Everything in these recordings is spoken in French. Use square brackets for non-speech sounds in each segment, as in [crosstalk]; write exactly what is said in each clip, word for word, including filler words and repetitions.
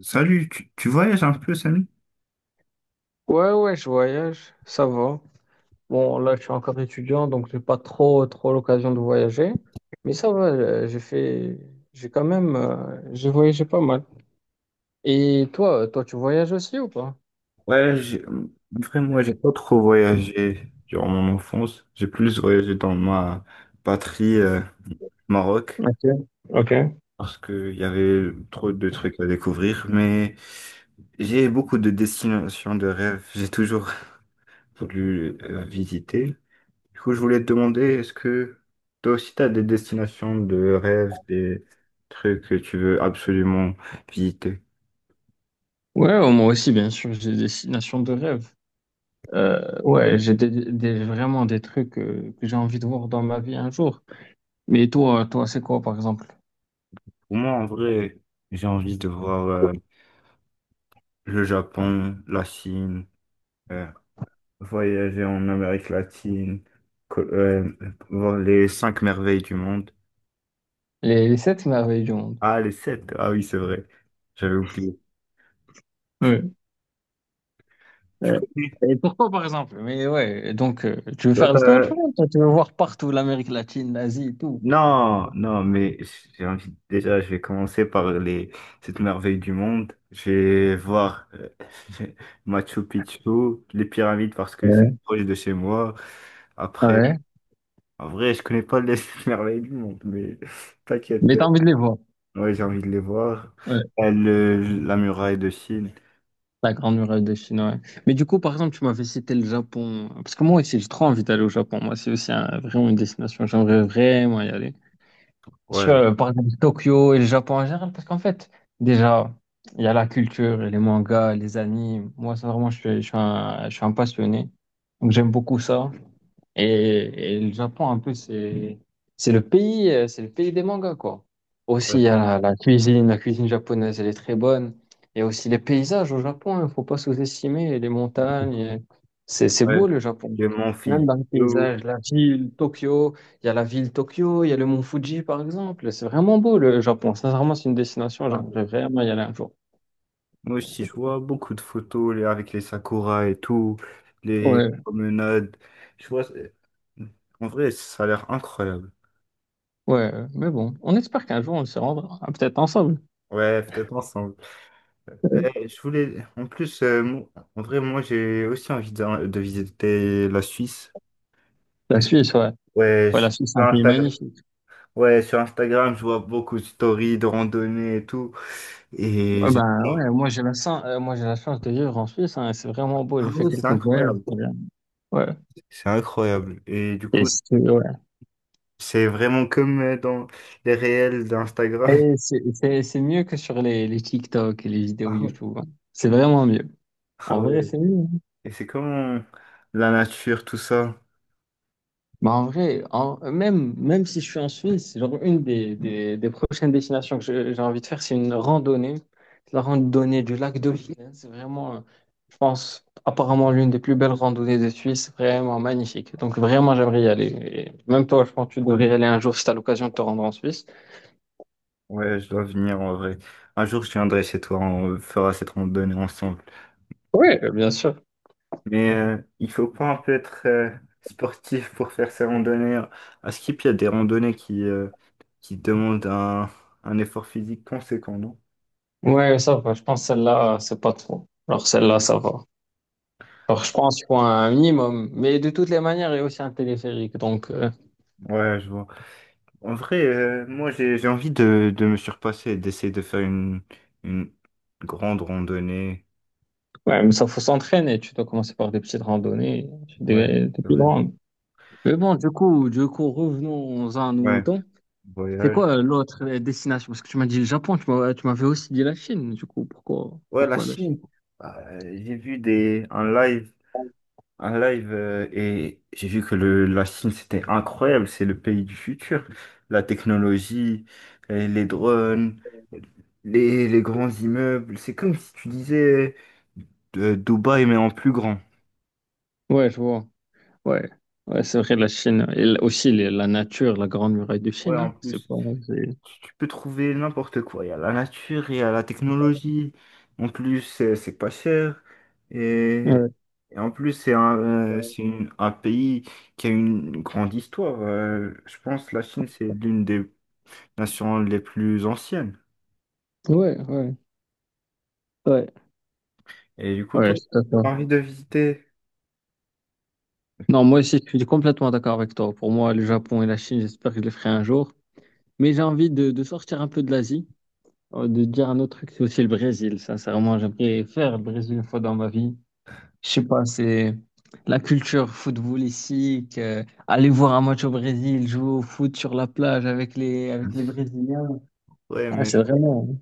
Salut, tu, tu voyages un peu, Samy? Ouais, ouais, je voyage, ça va. Bon, là, je suis encore étudiant, donc j'ai pas trop, trop l'occasion de voyager. Mais ça va, euh, j'ai fait, j'ai quand même, euh, j'ai voyagé pas mal. Et toi, euh, toi, tu voyages aussi ou pas? Ouais, j'ai- vraiment, moi j'ai pas trop voyagé durant mon enfance. J'ai plus voyagé dans ma patrie, euh, Maroc, Ok, ok. parce qu'il y avait trop de trucs à découvrir. Mais j'ai beaucoup de destinations de rêve. J'ai toujours [laughs] voulu euh, visiter. Du coup, je voulais te demander, est-ce que toi aussi, tu as des destinations de rêve, des trucs que tu veux absolument visiter? Ouais, oh, moi aussi, bien sûr, j'ai des destinations de rêve. Euh, ouais, j'ai des, des- vraiment des trucs euh, que j'ai envie de voir dans ma vie un jour. Mais toi, toi, c'est quoi, par exemple? Pour moi, en vrai, j'ai envie de voir. euh, le Japon, la Chine, euh, voyager en Amérique latine, co- euh, voir les cinq merveilles du monde. Les, les sept merveilles du monde. Ah, les sept. Ah oui, c'est vrai. J'avais oublié. Tu, tu Ouais. connais? Et pourquoi, par exemple? Mais ouais, donc, euh, tu veux Toi, faire le tour du t'as- monde, toi, tu veux voir partout l'Amérique latine, l'Asie et tout. Non, non, mais j'ai envie, déjà, je vais commencer par les sept merveilles du monde. Je vais voir euh, [laughs] Machu Picchu, les pyramides parce que c'est Ouais. proche de chez moi. Après, Ouais. en vrai, je connais pas les [laughs] sept merveilles du monde, mais t'inquiète. Mais t'as envie de les voir. Ouais, j'ai envie de les voir. Ouais. Euh, le- la muraille de Chine. La Grande Muraille de Chine, ouais. Mais du coup, par exemple, tu m'avais cité le Japon. Parce que moi aussi, j'ai trop envie d'aller au Japon. Moi, c'est aussi un- vraiment une destination. J'aimerais vraiment y aller. Ouais, Sur, euh, par exemple, Tokyo et le Japon en général, parce qu'en fait, déjà, il y a la culture, et les mangas, les animes. Moi, ça vraiment, je suis, je suis un, je suis un passionné. Donc, j'aime beaucoup ça. Et, et le Japon, un peu, c'est c'est le pays, euh, c'est le pays des mangas, quoi. Aussi, il y a ouais, la, la cuisine, la cuisine japonaise, elle est très bonne. Il y a aussi les paysages au Japon, il ne faut pas sous-estimer les montagnes. euh, C'est c'est ouais. beau le Japon. Le Mont Même Fuji. dans les paysages, la ville Tokyo, il y a la ville Tokyo, il y a le mont Fuji, par exemple. C'est vraiment beau le Japon. Sincèrement, c'est une destination, Enfin, j'aimerais vraiment y aller un jour. moi aussi, je vois beaucoup de photos les- avec les sakuras et tout, les Ouais, promenades. Je vois. c'est- En vrai, ça a l'air incroyable. ouais, mais bon, on espère qu'un jour on se rendra, ah, peut-être ensemble. Ouais, peut-être ensemble. Eh, je voulais. En plus, euh, mo- en vrai, moi, j'ai aussi envie de, de visiter la Suisse. La Je- Suisse, ouais. Ouais, Ouais, la Suisse, c'est sur un pays Instagram, magnifique. ouais, sur Instagram, je vois beaucoup de stories de randonnées et tout. Et Ah, j'étais bah, là, ouais, moi j'ai la chance, euh, moi j'ai la chance de vivre en Suisse, hein, et c'est vraiment beau, ah j'ai fait ouais, c'est quelques voyages. incroyable. C'est bien. Ouais. C'est incroyable. Et du Et coup, c'est ouais. c'est vraiment comme euh, dans les réels d'Instagram. Et [laughs] c'est c'est- c'est mieux que sur les, les TikTok et les vidéos Ah ouais. YouTube, hein. C'est vraiment mieux. Ah En vrai, ouais. c'est mieux. Et c'est comme la nature, tout ça. Bah, en vrai, en- même, même si je suis en Suisse, genre une des, des, des prochaines destinations que je- j'ai envie de faire, c'est une randonnée. C'est la randonnée du lac Dauphine. C'est vraiment, euh, je pense, apparemment l'une des plus belles randonnées de Suisse. Vraiment magnifique. Donc vraiment, j'aimerais y aller. Et même toi, je pense que tu devrais y aller un jour si tu as l'occasion de te rendre en Suisse. Ouais, je dois venir en vrai. Un jour, je viendrai chez toi, on fera cette randonnée ensemble. Oui, bien sûr. Mais euh, il faut pas un peu être euh, sportif pour faire ces randonnées. À Skip, il y a des randonnées qui, euh, qui demandent un, un effort physique conséquent, non? Ouais, ça va. Je pense que celle-là, c'est pas trop. Alors celle-là, ça va. Alors je pense qu'il faut un minimum. Mais de toutes les manières, il y a aussi un téléphérique. Donc. euh, Ouais, je vois. En vrai, euh, moi j'ai j'ai envie de, de me surpasser, d'essayer de faire une, une grande randonnée. Ouais, mais ça faut s'entraîner. Tu dois commencer par des petites randonnées, Ouais, des, des c'est plus vrai. grandes. Mais bon, du coup, du coup, revenons à nos Ouais, moutons. C'est voyage. quoi euh, l'autre euh, destination? Parce que tu m'as dit le Japon, tu m'as- tu m'avais aussi dit la Chine. Du coup, pourquoi, Ouais, la pourquoi la Chine? Chine. Euh, j'ai vu des un live, un live euh, et j'ai vu que le, la Chine c'était incroyable, c'est le pays du futur. La technologie, euh, les drones, les, les grands immeubles, c'est comme si tu disais euh, Dubaï mais en plus grand. Ouais, je vois. Ouais, ouais, c'est vrai, la Chine. Et l- aussi les- la nature, la grande muraille de Ouais, Chine, en hein. C'est plus. pas. c'est- Tu tu peux trouver n'importe quoi. Il y a la nature, il y a la technologie. En plus, c'est c'est pas cher. Et, Ouais, et en plus, c'est un, euh, c'est une- un pays qui a une grande histoire. Euh, je pense que la Chine, c'est l'une des nations les plus anciennes. ouais, ouais. Ouais, Et du coup, toi, ouais, c'est ça. t'as envie de visiter. Non, moi aussi, je suis complètement d'accord avec toi. Pour moi, le Japon et la Chine, j'espère que je les ferai un jour. Mais j'ai envie de, de sortir un peu de l'Asie. Oh, de dire un autre truc, c'est aussi le Brésil. Sincèrement, j'aimerais faire le Brésil une fois dans ma vie. Je sais pas, c'est la culture footballistique, euh, aller voir un match au Brésil, jouer au foot sur la plage avec les, avec les Brésiliens. Ouais, Ah, mais, c'est vraiment.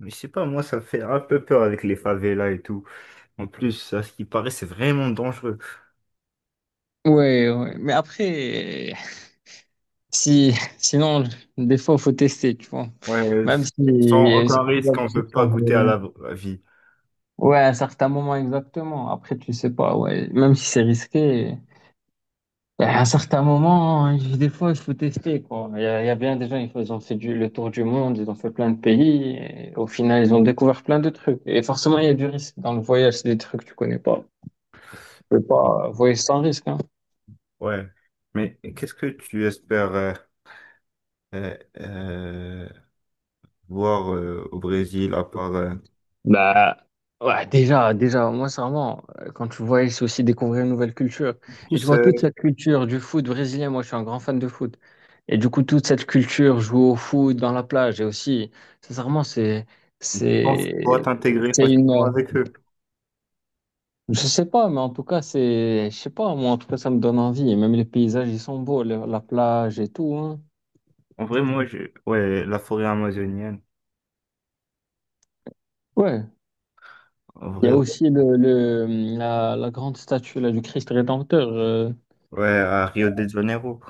mais je sais pas, moi, ça fait un peu peur avec les favelas et tout. En plus, à ce qui paraît, c'est vraiment dangereux. Ouais, ouais. Mais après, si, sinon, des fois, faut tester, tu vois. Ouais, Même si sans c'est aucun risque, probable on que tu peut te pas fasses goûter à voler. la à la vie. Ouais, à un certain moment, exactement. Après, tu sais pas, ouais. Même si c'est risqué. À un certain moment, hein, des fois, il faut tester, quoi. Il y a, il y a bien des gens, ils font- ils ont fait du- le tour du monde, ils ont fait plein de pays, et au final, ils ont découvert plein de trucs. Et forcément, il y a du risque. Dans le voyage, c'est des trucs que tu connais pas. Tu peux pas voyager sans risque, hein. Ouais. Mais qu'est-ce que tu espères euh, euh, euh, voir euh, au Brésil à part euh, Bah, ouais, déjà, déjà, moi, sincèrement, euh, quand tu voyages, c'est aussi découvrir une nouvelle culture. Et tu tous vois, euh, toute cette culture du foot brésilien, moi, je suis un grand fan de foot. Et du coup, toute cette culture, jouer au foot dans la plage, et aussi, sincèrement, c'est, et tu penses pouvoir c'est, t'intégrer c'est une, facilement avec eux? Je sais pas, mais en tout cas, c'est, je sais pas, moi, en tout cas, ça me donne envie. Et même les paysages, ils sont beaux, le- la plage et tout, hein. En vrai, moi, je... ouais, la forêt amazonienne. Ouais. En Il y vrai, a ouais, aussi le, le, la, la grande statue, là, du Christ Rédempteur. euh. ouais, à Rio de Janeiro.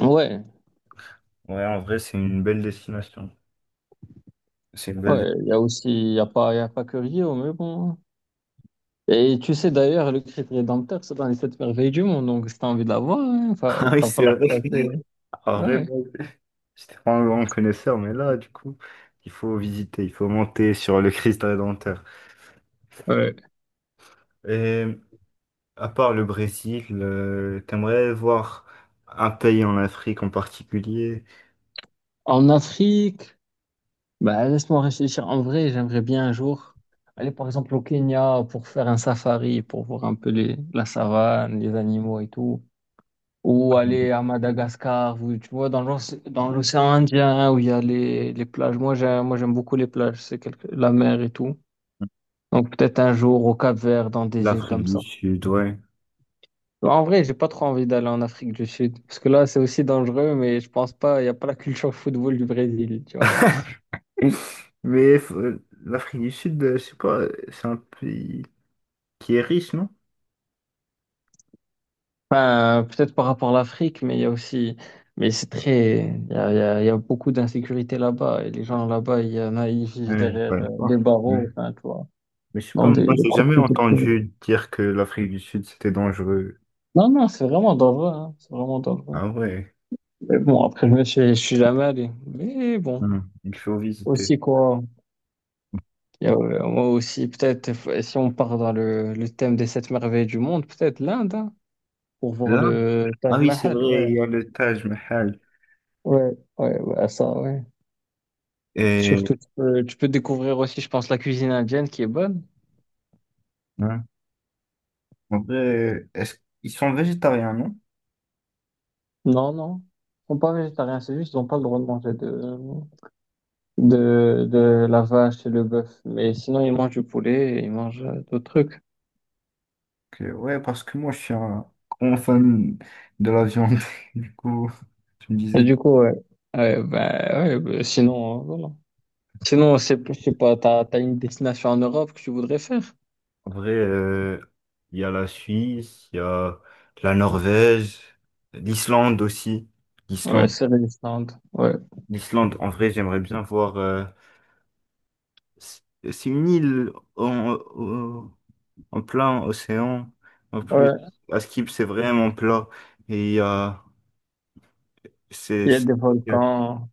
Ouais. Ouais, en vrai, c'est une belle destination. C'est une belle. dé- Ouais. Il y a aussi, il y a pas, il y a pas que Rio, mais bon, hein. Et tu sais, d'ailleurs, le Christ Rédempteur, c'est dans les sept merveilles du monde. Donc, si t'as envie de la voir, hein, [laughs] Ah fa- oui, fa- c'est falloir vrai. passer. En vrai, Ouais. moi, j'étais pas un grand connaisseur, mais là, du coup, il faut visiter, il faut monter sur le Christ Rédempteur. Ouais. Et à part le Brésil, euh, t'aimerais voir un pays en Afrique en particulier? En Afrique, bah, laisse-moi réfléchir. En vrai, j'aimerais bien un jour aller par exemple au Kenya pour faire un safari, pour voir un peu les, la savane, les animaux et tout. Ou aller à Madagascar, ou, tu vois, dans l'oc- dans l'océan Indien où il y a les, les plages. Moi, j'aime, moi, j'aime beaucoup les plages, c'est quelque- la mer et tout. Donc peut-être un jour au Cap-Vert, dans des îles L'Afrique comme du ça. Sud, ouais. En vrai, j'ai pas trop envie d'aller en Afrique du Sud, parce que là, c'est aussi dangereux, mais je pense pas, il n'y a pas la culture football du Brésil, tu vois. [laughs] Mais faut- L'Afrique du Sud, euh, je sais pas, euh, c'est un pays qui est riche, non? Enfin, peut-être par rapport à l'Afrique, mais il y a aussi, mais c'est très, il y a, il y a- il y a beaucoup d'insécurité là-bas et les gens là-bas, il y en a, ils vivent Ouais, je sais derrière euh, des pas. barreaux, Mm. enfin, tu vois, Mais je sais dans pas, des, moi des j'ai jamais propriétés privées. entendu dire que l'Afrique du Sud c'était dangereux. Non, non, c'est vraiment dangereux, hein, c'est vraiment dangereux. Ah ouais. Mais bon, après, je me suis, je suis jamais allé. Mais bon, Hmm. Il faut aussi visiter. quoi, il y a, euh, moi aussi, peut-être, f- si on part dans le, le thème des sept merveilles du monde, peut-être l'Inde, hein, pour voir Là? le Ah Taj oui, c'est Mahal, vrai, ouais, il y a le Taj Mahal. ouais, ouais, ouais, ça, ouais. Et Surtout, tu peux, tu peux découvrir aussi, je pense, la cuisine indienne qui est bonne. hein, en vrai, est-ce qu'ils sont végétariens, non? Non, non. Ils sont pas végétariens, c'est juste qu'ils n'ont pas le droit de manger de, de, de la vache et le bœuf. Mais sinon, ils mangent du poulet et ils mangent euh, d'autres trucs. Que- ouais, parce que moi, je suis un grand fan de la viande. [laughs] Du coup, tu me Et disais. du coup, ouais. Ouais, bah, ouais, bah, sinon, euh, voilà. Sinon, c'est, je sais pas, t'as, t'as une destination en Europe que tu voudrais faire? En vrai, euh, il y a la Suisse, il y a la Norvège, l'Islande aussi. Ouais, L'Islande, c'est l'Islande. Ouais. l'Islande, en vrai, j'aimerais bien voir. euh, c'est c'est une île en, au- en plein océan. En plus, Ouais. à Skip, c'est vraiment plat. Et il y a- c'est, Il y a c'est- des volcans,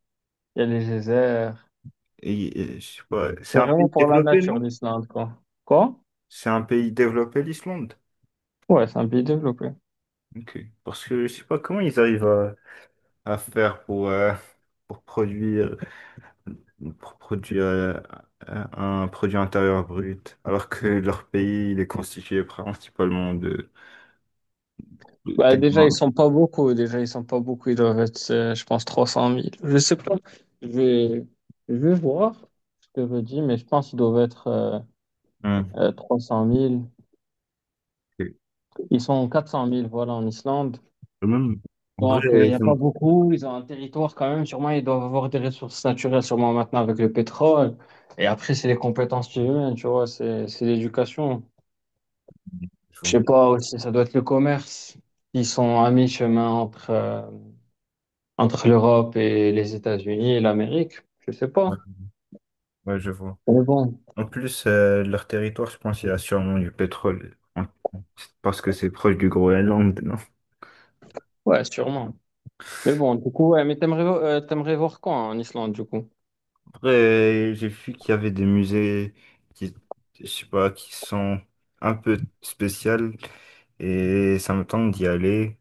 il y a des déserts. et- et je sais pas, c'est C'est un vraiment pays pour la développé, nature, non? l'Islande, quoi. Quoi? C'est un pays développé, l'Islande. Ouais, c'est un pays développé. Ok. Parce que je sais pas comment ils arrivent à, à faire pour, euh, pour produire, pour produire euh, un un produit intérieur brut, alors que leur pays il est constitué principalement de, de Bah, déjà, ils tellement. sont pas beaucoup. Déjà, ils sont pas beaucoup. Ils doivent être, euh, je pense, trois cent mille. Je sais pas. Je vais, je vais voir. Je te redis, mais je pense qu'ils doivent être euh, Ouais, euh, trois cent mille. ok. Ils sont quatre cent mille, voilà, en Islande. Même, en vrai, Donc, euh, il euh, n'y a c'est- pas beaucoup. Ils ont un territoire quand même. Sûrement, ils doivent avoir des ressources naturelles, sûrement maintenant avec le pétrole. Et après, c'est les compétences humaines, tu vois, c'est, c'est l'éducation. je Je vois. sais pas aussi, ça doit être le commerce. Ils sont à mi-chemin entre. euh, Entre l'Europe et les États-Unis et l'Amérique, je sais pas. Ouais, ouais, je vois. Mais bon, En plus, euh, leur territoire, je pense, il y a sûrement du pétrole. En- Parce que c'est proche du Groenland, non? ouais, sûrement. Mais bon, du coup, ouais, mais t'aimerais, vo- euh, t'aimerais voir quand en Islande, du coup? Après, j'ai vu qu'il y avait des musées qui, je sais pas, qui sont un peu spéciales et ça me tente d'y aller.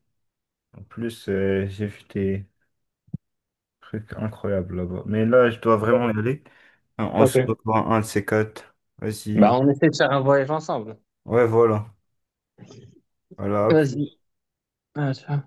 En plus, euh, j'ai vu des trucs incroyables là-bas. Mais là, je dois vraiment y aller. On on se Ok. revoit un de ces quatre. Bah, Vas-y. on essaie de faire un voyage ensemble. Ouais, voilà. Voilà, à Vas-y. plus. Ah, tiens.